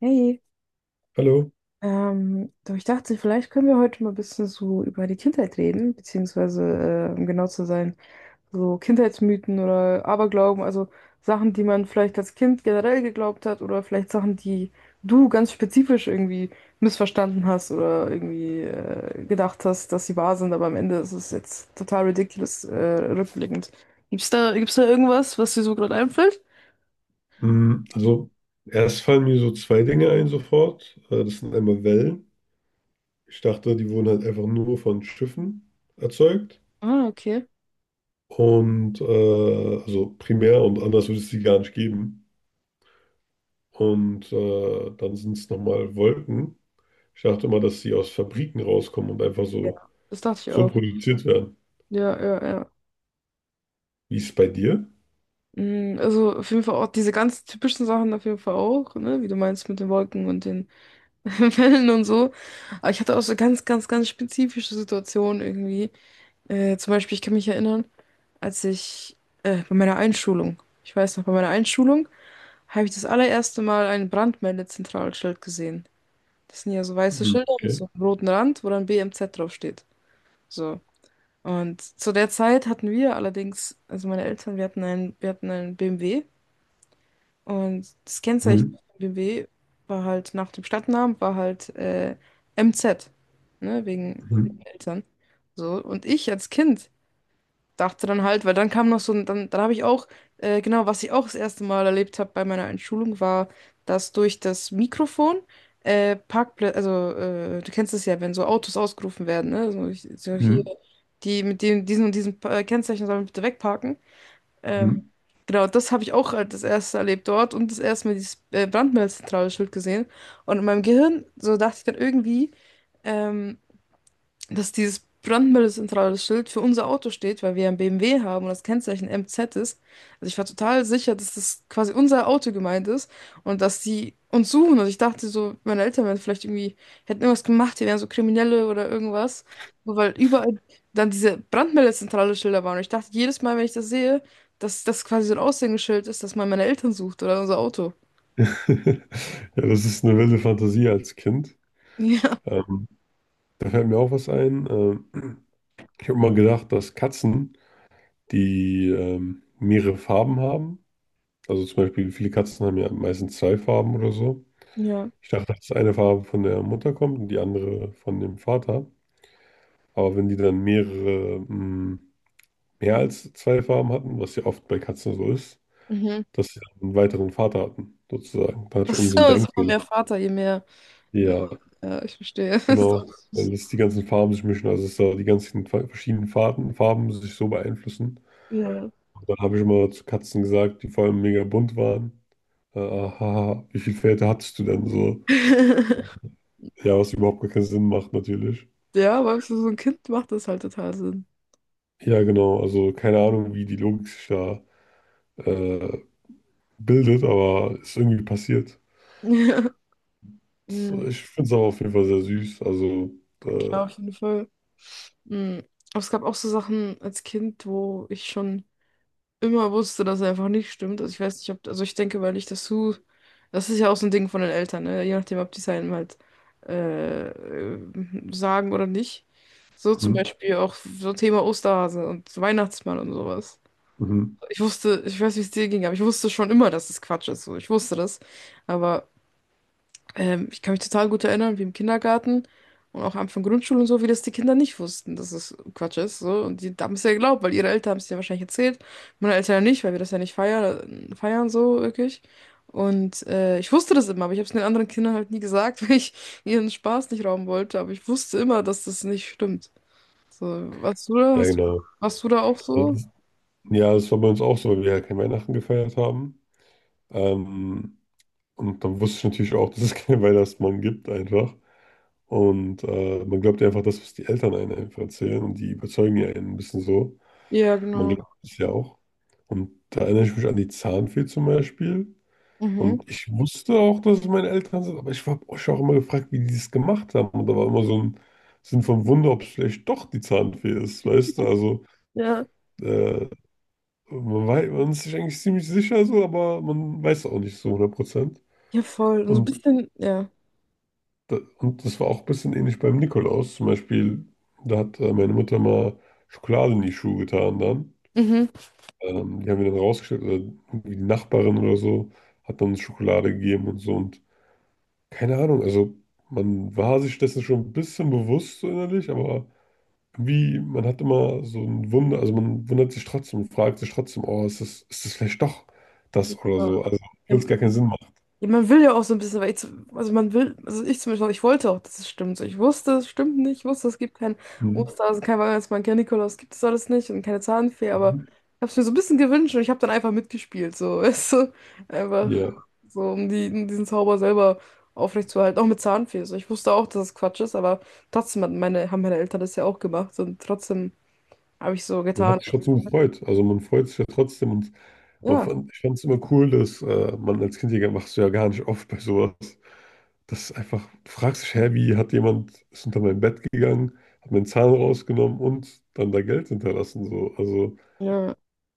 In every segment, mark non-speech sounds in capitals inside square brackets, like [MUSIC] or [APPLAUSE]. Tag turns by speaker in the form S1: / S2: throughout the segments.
S1: Hey,
S2: Hallo.
S1: du, ich dachte, vielleicht können wir heute mal ein bisschen so über die Kindheit reden, beziehungsweise, um genau zu sein, so Kindheitsmythen oder Aberglauben, also Sachen, die man vielleicht als Kind generell geglaubt hat oder vielleicht Sachen, die du ganz spezifisch irgendwie missverstanden hast oder irgendwie gedacht hast, dass sie wahr sind, aber am Ende ist es jetzt total ridiculous, rückblickend. Gibt's da irgendwas, was dir so gerade einfällt?
S2: Also, erst fallen mir so zwei Dinge ein sofort. Das sind einmal Wellen. Ich dachte, die wurden halt einfach nur von Schiffen erzeugt.
S1: Ah, okay.
S2: Und also primär und anders würde es die gar nicht geben. Und dann sind es nochmal Wolken. Ich dachte immer, dass sie aus Fabriken rauskommen und einfach
S1: Ja.
S2: so,
S1: Das dachte ich
S2: so
S1: auch.
S2: produziert werden.
S1: Ja, ja, ja.
S2: Wie ist es bei dir?
S1: Also auf jeden Fall auch diese ganz typischen Sachen auf jeden Fall auch, ne? Wie du meinst mit den Wolken und den [LAUGHS] Wellen und so. Aber ich hatte auch so ganz, ganz, ganz spezifische Situationen irgendwie. Zum Beispiel, ich kann mich erinnern, als ich bei meiner Einschulung, ich weiß noch, bei meiner Einschulung habe ich das allererste Mal ein Brandmeldezentralschild gesehen. Das sind ja so weiße
S2: Mhm.
S1: Schilder mit
S2: Okay.
S1: so einem roten Rand, wo dann BMZ draufsteht. So. Und zu der Zeit hatten wir allerdings, also meine Eltern, wir hatten einen BMW. Und das Kennzeichen
S2: Mhm,
S1: von BMW war halt nach dem Stadtnamen war halt MZ, ne, wegen
S2: mhm,
S1: Eltern. So, und ich als Kind dachte dann halt, weil dann kam noch so ein, dann habe ich auch, genau, was ich auch das erste Mal erlebt habe bei meiner Einschulung, war, dass durch das Mikrofon Parkplätze, also du kennst es ja, wenn so Autos ausgerufen werden, ne? So, ich, so hier,
S2: mhm,
S1: die mit dem, diesen und diesem Kennzeichen sollen bitte wegparken. Ähm,
S2: mhm.
S1: genau, das habe ich auch halt das erste erlebt dort und das erste Mal dieses Brandmeldezentrale-Schild gesehen. Und in meinem Gehirn, so dachte ich dann irgendwie, ähm, dass dieses brandmeldezentrale Schild für unser Auto steht, weil wir ja ein BMW haben und das Kennzeichen MZ ist. Also ich war total sicher, dass das quasi unser Auto gemeint ist und dass die uns suchen. Und ich dachte so, meine Eltern wären vielleicht irgendwie, hätten irgendwas gemacht, die wären so Kriminelle oder irgendwas. Nur weil überall dann diese brandmeldezentrale Schilder waren. Und ich dachte jedes Mal, wenn ich das sehe, dass das quasi so ein Aushängeschild ist, dass man meine Eltern sucht oder unser Auto. [LAUGHS]
S2: [LAUGHS] Ja, das ist eine wilde Fantasie als Kind.
S1: Ja,
S2: Ähm, Da fällt mir auch was ein. Ich habe mal gedacht, dass Katzen, die mehrere Farben haben, also zum Beispiel viele Katzen haben ja meistens zwei Farben oder so.
S1: ja.
S2: Ich dachte, dass eine Farbe von der Mutter kommt und die andere von dem Vater. Aber wenn die dann mehrere, mehr als zwei Farben hatten, was ja oft bei Katzen so ist,
S1: Mhm. [LAUGHS]
S2: dass sie dann einen weiteren Vater hatten, sozusagen. Da hatte ich irgendeinen so einen
S1: So, so
S2: Denkfehler.
S1: mehr Vater, je mehr. Ja,
S2: Ja,
S1: ja, ich verstehe. [LAUGHS]
S2: genau.
S1: So.
S2: Weil es die ganzen Farben sich mischen, also dass da die ganzen verschiedenen Farben, Farben sich so beeinflussen.
S1: Ja.
S2: Dann habe ich immer zu Katzen gesagt, die vor allem mega bunt waren. Haha, wie viele Väter hattest du denn so?
S1: [LAUGHS]
S2: Ja, was überhaupt gar keinen Sinn macht natürlich.
S1: Ja, weißt du, so so ein Kind macht das halt total Sinn.
S2: Ja, genau. Also keine Ahnung, wie die Logik sich da äh, bildet, aber ist irgendwie passiert.
S1: Ja,
S2: Das,
S1: mhm,
S2: ich finde es aber auf jeden Fall sehr süß. Also, äh,
S1: klar, auf jeden Fall. Mhm. Aber es gab auch so Sachen als Kind, wo ich schon immer wusste, dass er einfach nicht stimmt. Also ich weiß nicht, ob, also ich denke, weil ich das so, das ist ja auch so ein Ding von den Eltern, ne? Je nachdem, ob die es einem halt sagen oder nicht. So zum
S2: mhm,
S1: Beispiel auch so Thema Osterhase und so Weihnachtsmann und sowas.
S2: mhm.
S1: Ich wusste, ich weiß, wie es dir ging, aber ich wusste schon immer, dass es Quatsch ist. So, ich wusste das. Aber ich kann mich total gut erinnern, wie im Kindergarten und auch am Anfang Grundschule und so, wie das die Kinder nicht wussten, dass es Quatsch ist. So. Und die haben es ja geglaubt, weil ihre Eltern haben es ja wahrscheinlich erzählt. Meine Eltern ja nicht, weil wir das ja nicht feiern so wirklich. Und ich wusste das immer, aber ich habe es den anderen Kindern halt nie gesagt, [LAUGHS] weil ich ihren Spaß nicht rauben wollte. Aber ich wusste immer, dass das nicht stimmt. So, warst du da?
S2: Ja,
S1: Hast du,
S2: genau.
S1: warst du da auch
S2: Also,
S1: so?
S2: das, ja, das war bei uns auch so, weil wir ja kein Weihnachten gefeiert haben. Ähm, und dann wusste ich natürlich auch, [LAUGHS] dass es keinen Weihnachtsmann gibt, einfach. Und man glaubt ja einfach das, was die Eltern einem einfach erzählen und die überzeugen ja einen ein bisschen so.
S1: Ja,
S2: Man
S1: genau.
S2: glaubt es ja auch. Und da erinnere ich mich an die Zahnfee zum Beispiel.
S1: Mhm.
S2: Und ich wusste auch, dass es meine Eltern sind, aber ich habe euch auch immer gefragt, wie die das gemacht haben. Und da war immer so ein Sinn von Wunder, ob es vielleicht doch die Zahnfee ist, weißt du? Also
S1: Ja,
S2: äh, man ist sich eigentlich ziemlich sicher so, aber man weiß auch nicht so 100%.
S1: ja, voll. Und so ein
S2: Und
S1: bisschen, ja.
S2: Da, und das war auch ein bisschen ähnlich beim Nikolaus. Zum Beispiel, da hat meine Mutter mal Schokolade in die Schuhe getan dann.
S1: Mhm.
S2: Die haben wir dann rausgestellt, oder irgendwie die Nachbarin oder so hat dann Schokolade gegeben und so. Und keine Ahnung, also man war sich dessen schon ein bisschen bewusst so innerlich, aber irgendwie, man hat immer so ein Wunder, also man wundert sich trotzdem, und fragt sich trotzdem, oh, ist das vielleicht doch das oder so? Also,
S1: Ja.
S2: obwohl es gar keinen Sinn macht.
S1: Ja, man will ja auch so ein bisschen, weil ich, also man will, also ich zum Beispiel ich wollte auch, dass es stimmt. So, ich wusste, es stimmt nicht, ich wusste, es gibt keinen
S2: Mhm.
S1: Osterhasen, kein Weihnachtsmann, kein Nikolaus, gibt es alles nicht und keine Zahnfee, aber ich
S2: Mhm.
S1: habe es mir so ein bisschen gewünscht und ich habe dann einfach mitgespielt, so, [LAUGHS] weißt du, einfach
S2: Ja.
S1: so, um die, um diesen Zauber selber aufrechtzuerhalten, auch mit Zahnfee. So, ich wusste auch, dass es Quatsch ist, aber trotzdem hat meine, haben meine Eltern das ja auch gemacht und trotzdem habe ich so
S2: Man
S1: getan.
S2: hat sich trotzdem gefreut. Also man freut sich ja trotzdem und man
S1: Ja,
S2: fand, ich fand es immer cool, dass man als Kind ja, machst du ja gar nicht oft bei sowas. Dass einfach, du fragst dich, hä, wie hat jemand, ist unter mein Bett gegangen, hat meinen Zahn rausgenommen und dann da Geld hinterlassen. So. Also
S1: ja.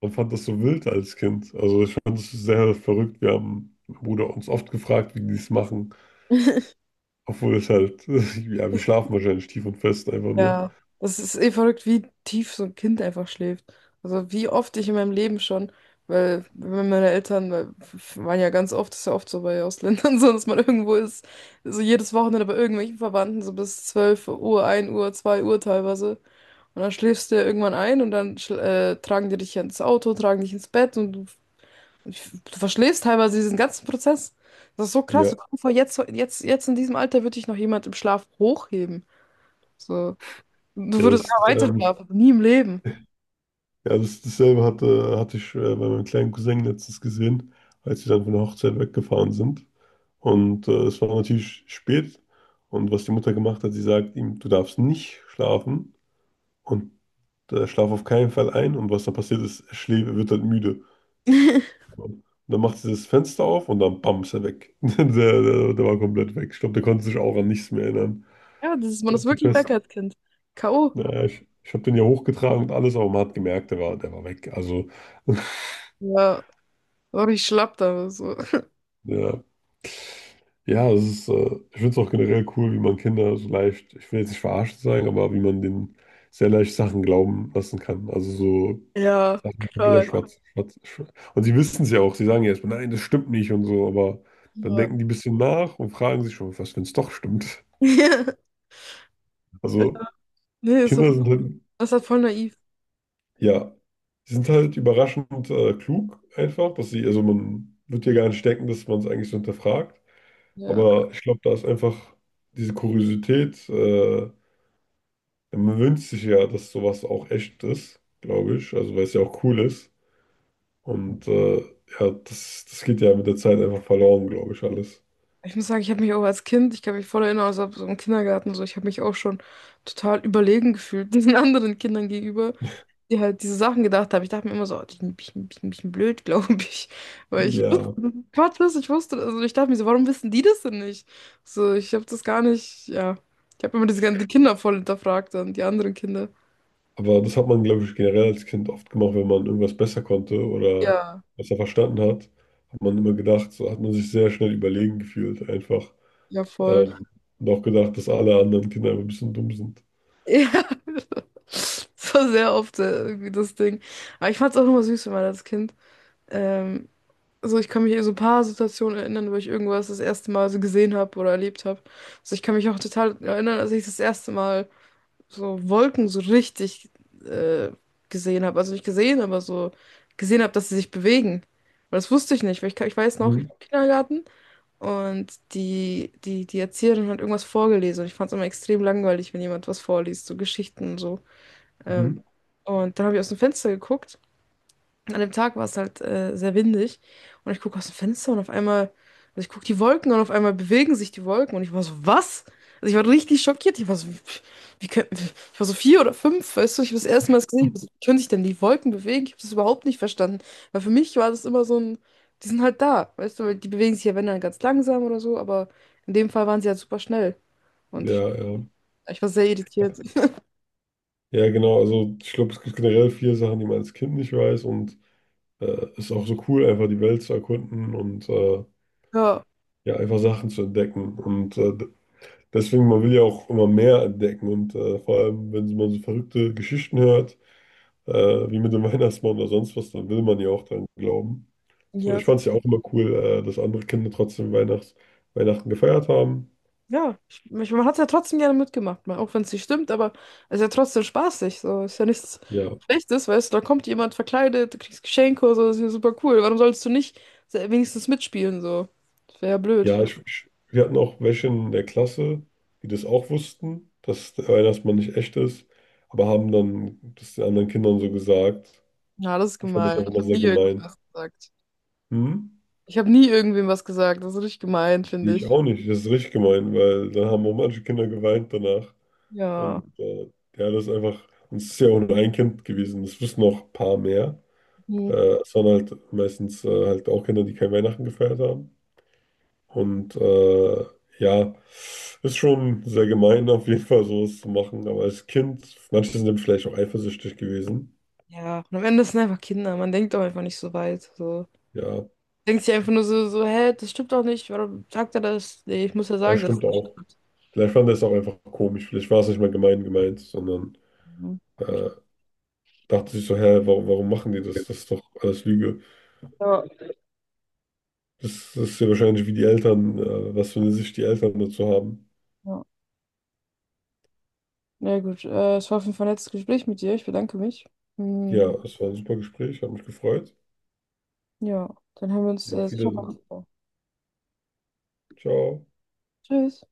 S2: man fand das so wild als Kind. Also ich fand es sehr verrückt. Wir haben, mein Bruder, uns oft gefragt, wie die es machen.
S1: [LAUGHS]
S2: Obwohl es halt, [LAUGHS] ja, wir schlafen wahrscheinlich tief und fest einfach nur.
S1: Ja, das ist eh verrückt, wie tief so ein Kind einfach schläft. Also wie oft ich in meinem Leben schon, weil wenn meine Eltern weil, f- waren ja ganz oft, ist ja oft so bei Ausländern [LAUGHS] so, dass man irgendwo ist, so jedes Wochenende bei irgendwelchen Verwandten, so bis 12 Uhr, 1 Uhr, 2 Uhr teilweise. Und dann schläfst du ja irgendwann ein und dann tragen die dich ja ins Auto, tragen dich ins Bett und du verschläfst teilweise diesen ganzen Prozess. Das ist so krass. Stell
S2: Ja,
S1: dir vor jetzt, in diesem Alter würde dich noch jemand im Schlaf hochheben. So. Du
S2: ja, das
S1: würdest
S2: ist
S1: weiter schlafen. Nie im Leben.
S2: ja, das, hatte ich bei meinem kleinen Cousin letztens gesehen, als wir dann von der Hochzeit weggefahren sind. Und es war natürlich spät. Und was die Mutter gemacht hat, sie sagt ihm, du darfst nicht schlafen und schlaf auf keinen Fall ein. Und was dann passiert ist, er wird dann müde.
S1: [LAUGHS]
S2: Und dann macht sie das Fenster auf und dann bam, ist er weg. [LAUGHS] Der war komplett weg. Ich glaube, der konnte sich auch an nichts mehr erinnern.
S1: Ja, das ist, man
S2: Der
S1: ist
S2: ist so
S1: wirklich weg
S2: fest.
S1: als Kind. K.O.
S2: Naja, ich habe den ja hochgetragen und alles, aber man hat gemerkt, der war weg. Also, [LAUGHS]
S1: Ja, war ich schlapp da. So.
S2: ja. Ja, es ist, ich finde es auch generell cool, wie man Kinder so leicht, ich will jetzt nicht verarscht sagen, aber wie man denen sehr leicht Sachen glauben lassen kann. Also so
S1: Ja,
S2: Sachen kompletter
S1: toll.
S2: Schwarz. Und sie wissen es ja auch, sie sagen ja erstmal, nein, das stimmt nicht und so, aber dann
S1: Ja.
S2: denken die ein bisschen nach und fragen sich schon, was, wenn es doch stimmt.
S1: [LAUGHS] Ja.
S2: Also
S1: Nee, ist so,
S2: Kinder sind halt,
S1: das ist halt voll naiv.
S2: ja, sie sind halt überraschend klug einfach, dass sie, also man wird ja gar nicht denken, dass man es eigentlich so hinterfragt.
S1: Ja.
S2: Aber ich glaube, da ist einfach diese Kuriosität, man wünscht sich ja, dass sowas auch echt ist, glaube ich. Also, weil es ja auch cool ist. Und ja, das, das geht ja mit der Zeit einfach verloren, glaube ich, alles.
S1: Ich muss sagen, ich habe mich auch als Kind, ich kann mich voll erinnern, also so im Kindergarten, so, ich habe mich auch schon total überlegen gefühlt, [LAUGHS] diesen anderen Kindern gegenüber, die halt diese Sachen gedacht haben. Ich dachte mir immer so, oh, die sind ein bisschen, bisschen, bisschen blöd, [LAUGHS] glaube ich. Weil ich
S2: Ja,
S1: Gottes, ich wusste, also ich dachte mir so, warum wissen die das denn nicht? So, ich habe das gar nicht, ja. Ich habe immer diese ganzen die Kinder voll hinterfragt dann, die anderen Kinder.
S2: aber das hat man, glaube ich, generell als Kind oft gemacht, wenn man irgendwas besser konnte oder
S1: Ja,
S2: besser verstanden hat, hat man immer gedacht, so hat man sich sehr schnell überlegen gefühlt, einfach.
S1: ja, voll.
S2: Ähm, und auch gedacht, dass alle anderen Kinder einfach ein bisschen dumm sind.
S1: Ja, [LAUGHS] das war sehr oft irgendwie das Ding. Aber ich fand es auch immer süß, wenn man als Kind. Ähm, also ich kann mich an so ein paar Situationen erinnern, wo ich irgendwas das erste Mal so gesehen habe oder erlebt habe. So, ich kann mich auch total erinnern, als ich das erste Mal so Wolken so richtig äh, gesehen habe. Also nicht gesehen, aber so gesehen habe, dass sie sich bewegen. Aber das wusste ich nicht, weil ich weiß noch, ich
S2: Mhm.
S1: war im Kindergarten und die Erzieherin hat irgendwas vorgelesen und ich fand es immer extrem langweilig, wenn jemand was vorliest, so Geschichten und so. Ähm,
S2: Mhm.
S1: und dann habe ich aus dem Fenster geguckt, an dem Tag war es halt sehr windig und ich gucke aus dem Fenster und auf einmal, also ich gucke die Wolken und auf einmal bewegen sich die Wolken und ich war so, was? Also ich war richtig schockiert. Ich war so, wie können, ich war so 4 oder 5, weißt du, ich habe das erste Mal gesehen, ich war so, wie können sich denn die Wolken bewegen? Ich habe das überhaupt nicht verstanden, weil für mich war das immer so ein, die sind halt da, weißt du, weil die bewegen sich ja, wenn dann ganz langsam oder so, aber in dem Fall waren sie halt super schnell und ich,
S2: Ja, ja.
S1: ich war sehr irritiert.
S2: Ja, genau. Also ich glaube, es gibt generell viele Sachen, die man als Kind nicht weiß und ist auch so cool, einfach die Welt zu erkunden und
S1: Ja,
S2: ja, einfach Sachen zu entdecken. Und deswegen, man will ja auch immer mehr entdecken. Und vor allem, wenn man so verrückte Geschichten hört, äh, wie mit dem [LAUGHS] Weihnachtsmann oder sonst was, dann will man ja auch dran glauben. So,
S1: ja.
S2: ich fand es ja auch immer cool, dass andere Kinder trotzdem Weihnachts Weihnachten gefeiert haben.
S1: Ja, ich, man hat es ja trotzdem gerne mitgemacht, mal, auch wenn es nicht stimmt, aber es ist ja trotzdem spaßig. So, ist ja nichts
S2: Ja,
S1: Schlechtes, weißt du, da kommt jemand verkleidet, du kriegst Geschenke oder so, das ist ja super cool. Warum sollst du nicht wenigstens mitspielen, so? Das wäre ja blöd.
S2: ja, ich, wir hatten auch welche in der Klasse, die das auch wussten, dass der Weihnachtsmann nicht echt ist, aber haben dann das den anderen Kindern so gesagt.
S1: Ja, das ist
S2: Ich fand das
S1: gemein.
S2: auch
S1: Ich
S2: immer
S1: habe
S2: sehr
S1: nie irgendwem
S2: gemein.
S1: was gesagt.
S2: Hm?
S1: Ich habe nie irgendwem was gesagt. Das ist richtig gemein,
S2: Nee,
S1: finde
S2: ich
S1: ich.
S2: auch nicht. Das ist richtig gemein, weil dann haben auch manche Kinder geweint danach.
S1: Ja.
S2: Und ja, das ist einfach, und es ist ja auch nur ein Kind gewesen. Es wissen noch ein paar mehr. Äh,
S1: Mhm.
S2: es waren halt meistens halt auch Kinder, die kein Weihnachten gefeiert haben. Und ja, ist schon sehr gemein, auf jeden Fall sowas zu machen. Aber als Kind, manche sind dann vielleicht auch eifersüchtig gewesen.
S1: Ja. Und am Ende sind einfach Kinder. Man denkt doch einfach nicht so weit. So.
S2: Ja,
S1: Denkt sich einfach nur so, so, hä, das stimmt doch nicht. Warum sagt er das? Nee, ich muss ja
S2: ja,
S1: sagen, dass.
S2: stimmt auch. Vielleicht fand er es auch einfach komisch. Vielleicht war es nicht mal gemein gemeint, sondern. äh, dachte sich so, hä, warum machen die das? Das ist doch alles Lüge.
S1: Ja.
S2: Das ist ja wahrscheinlich wie die Eltern, was für eine Sicht die Eltern dazu haben.
S1: Ja. Ja, gut. Es war auf jeden Fall ein nettes Gespräch mit dir. Ich bedanke mich.
S2: Ja,
S1: Hm,
S2: es war ein super Gespräch, hat mich gefreut.
S1: ja, dann hören wir uns
S2: Ja, auf
S1: sicher bald
S2: Wiedersehen.
S1: wieder.
S2: Ciao.
S1: Tschüss.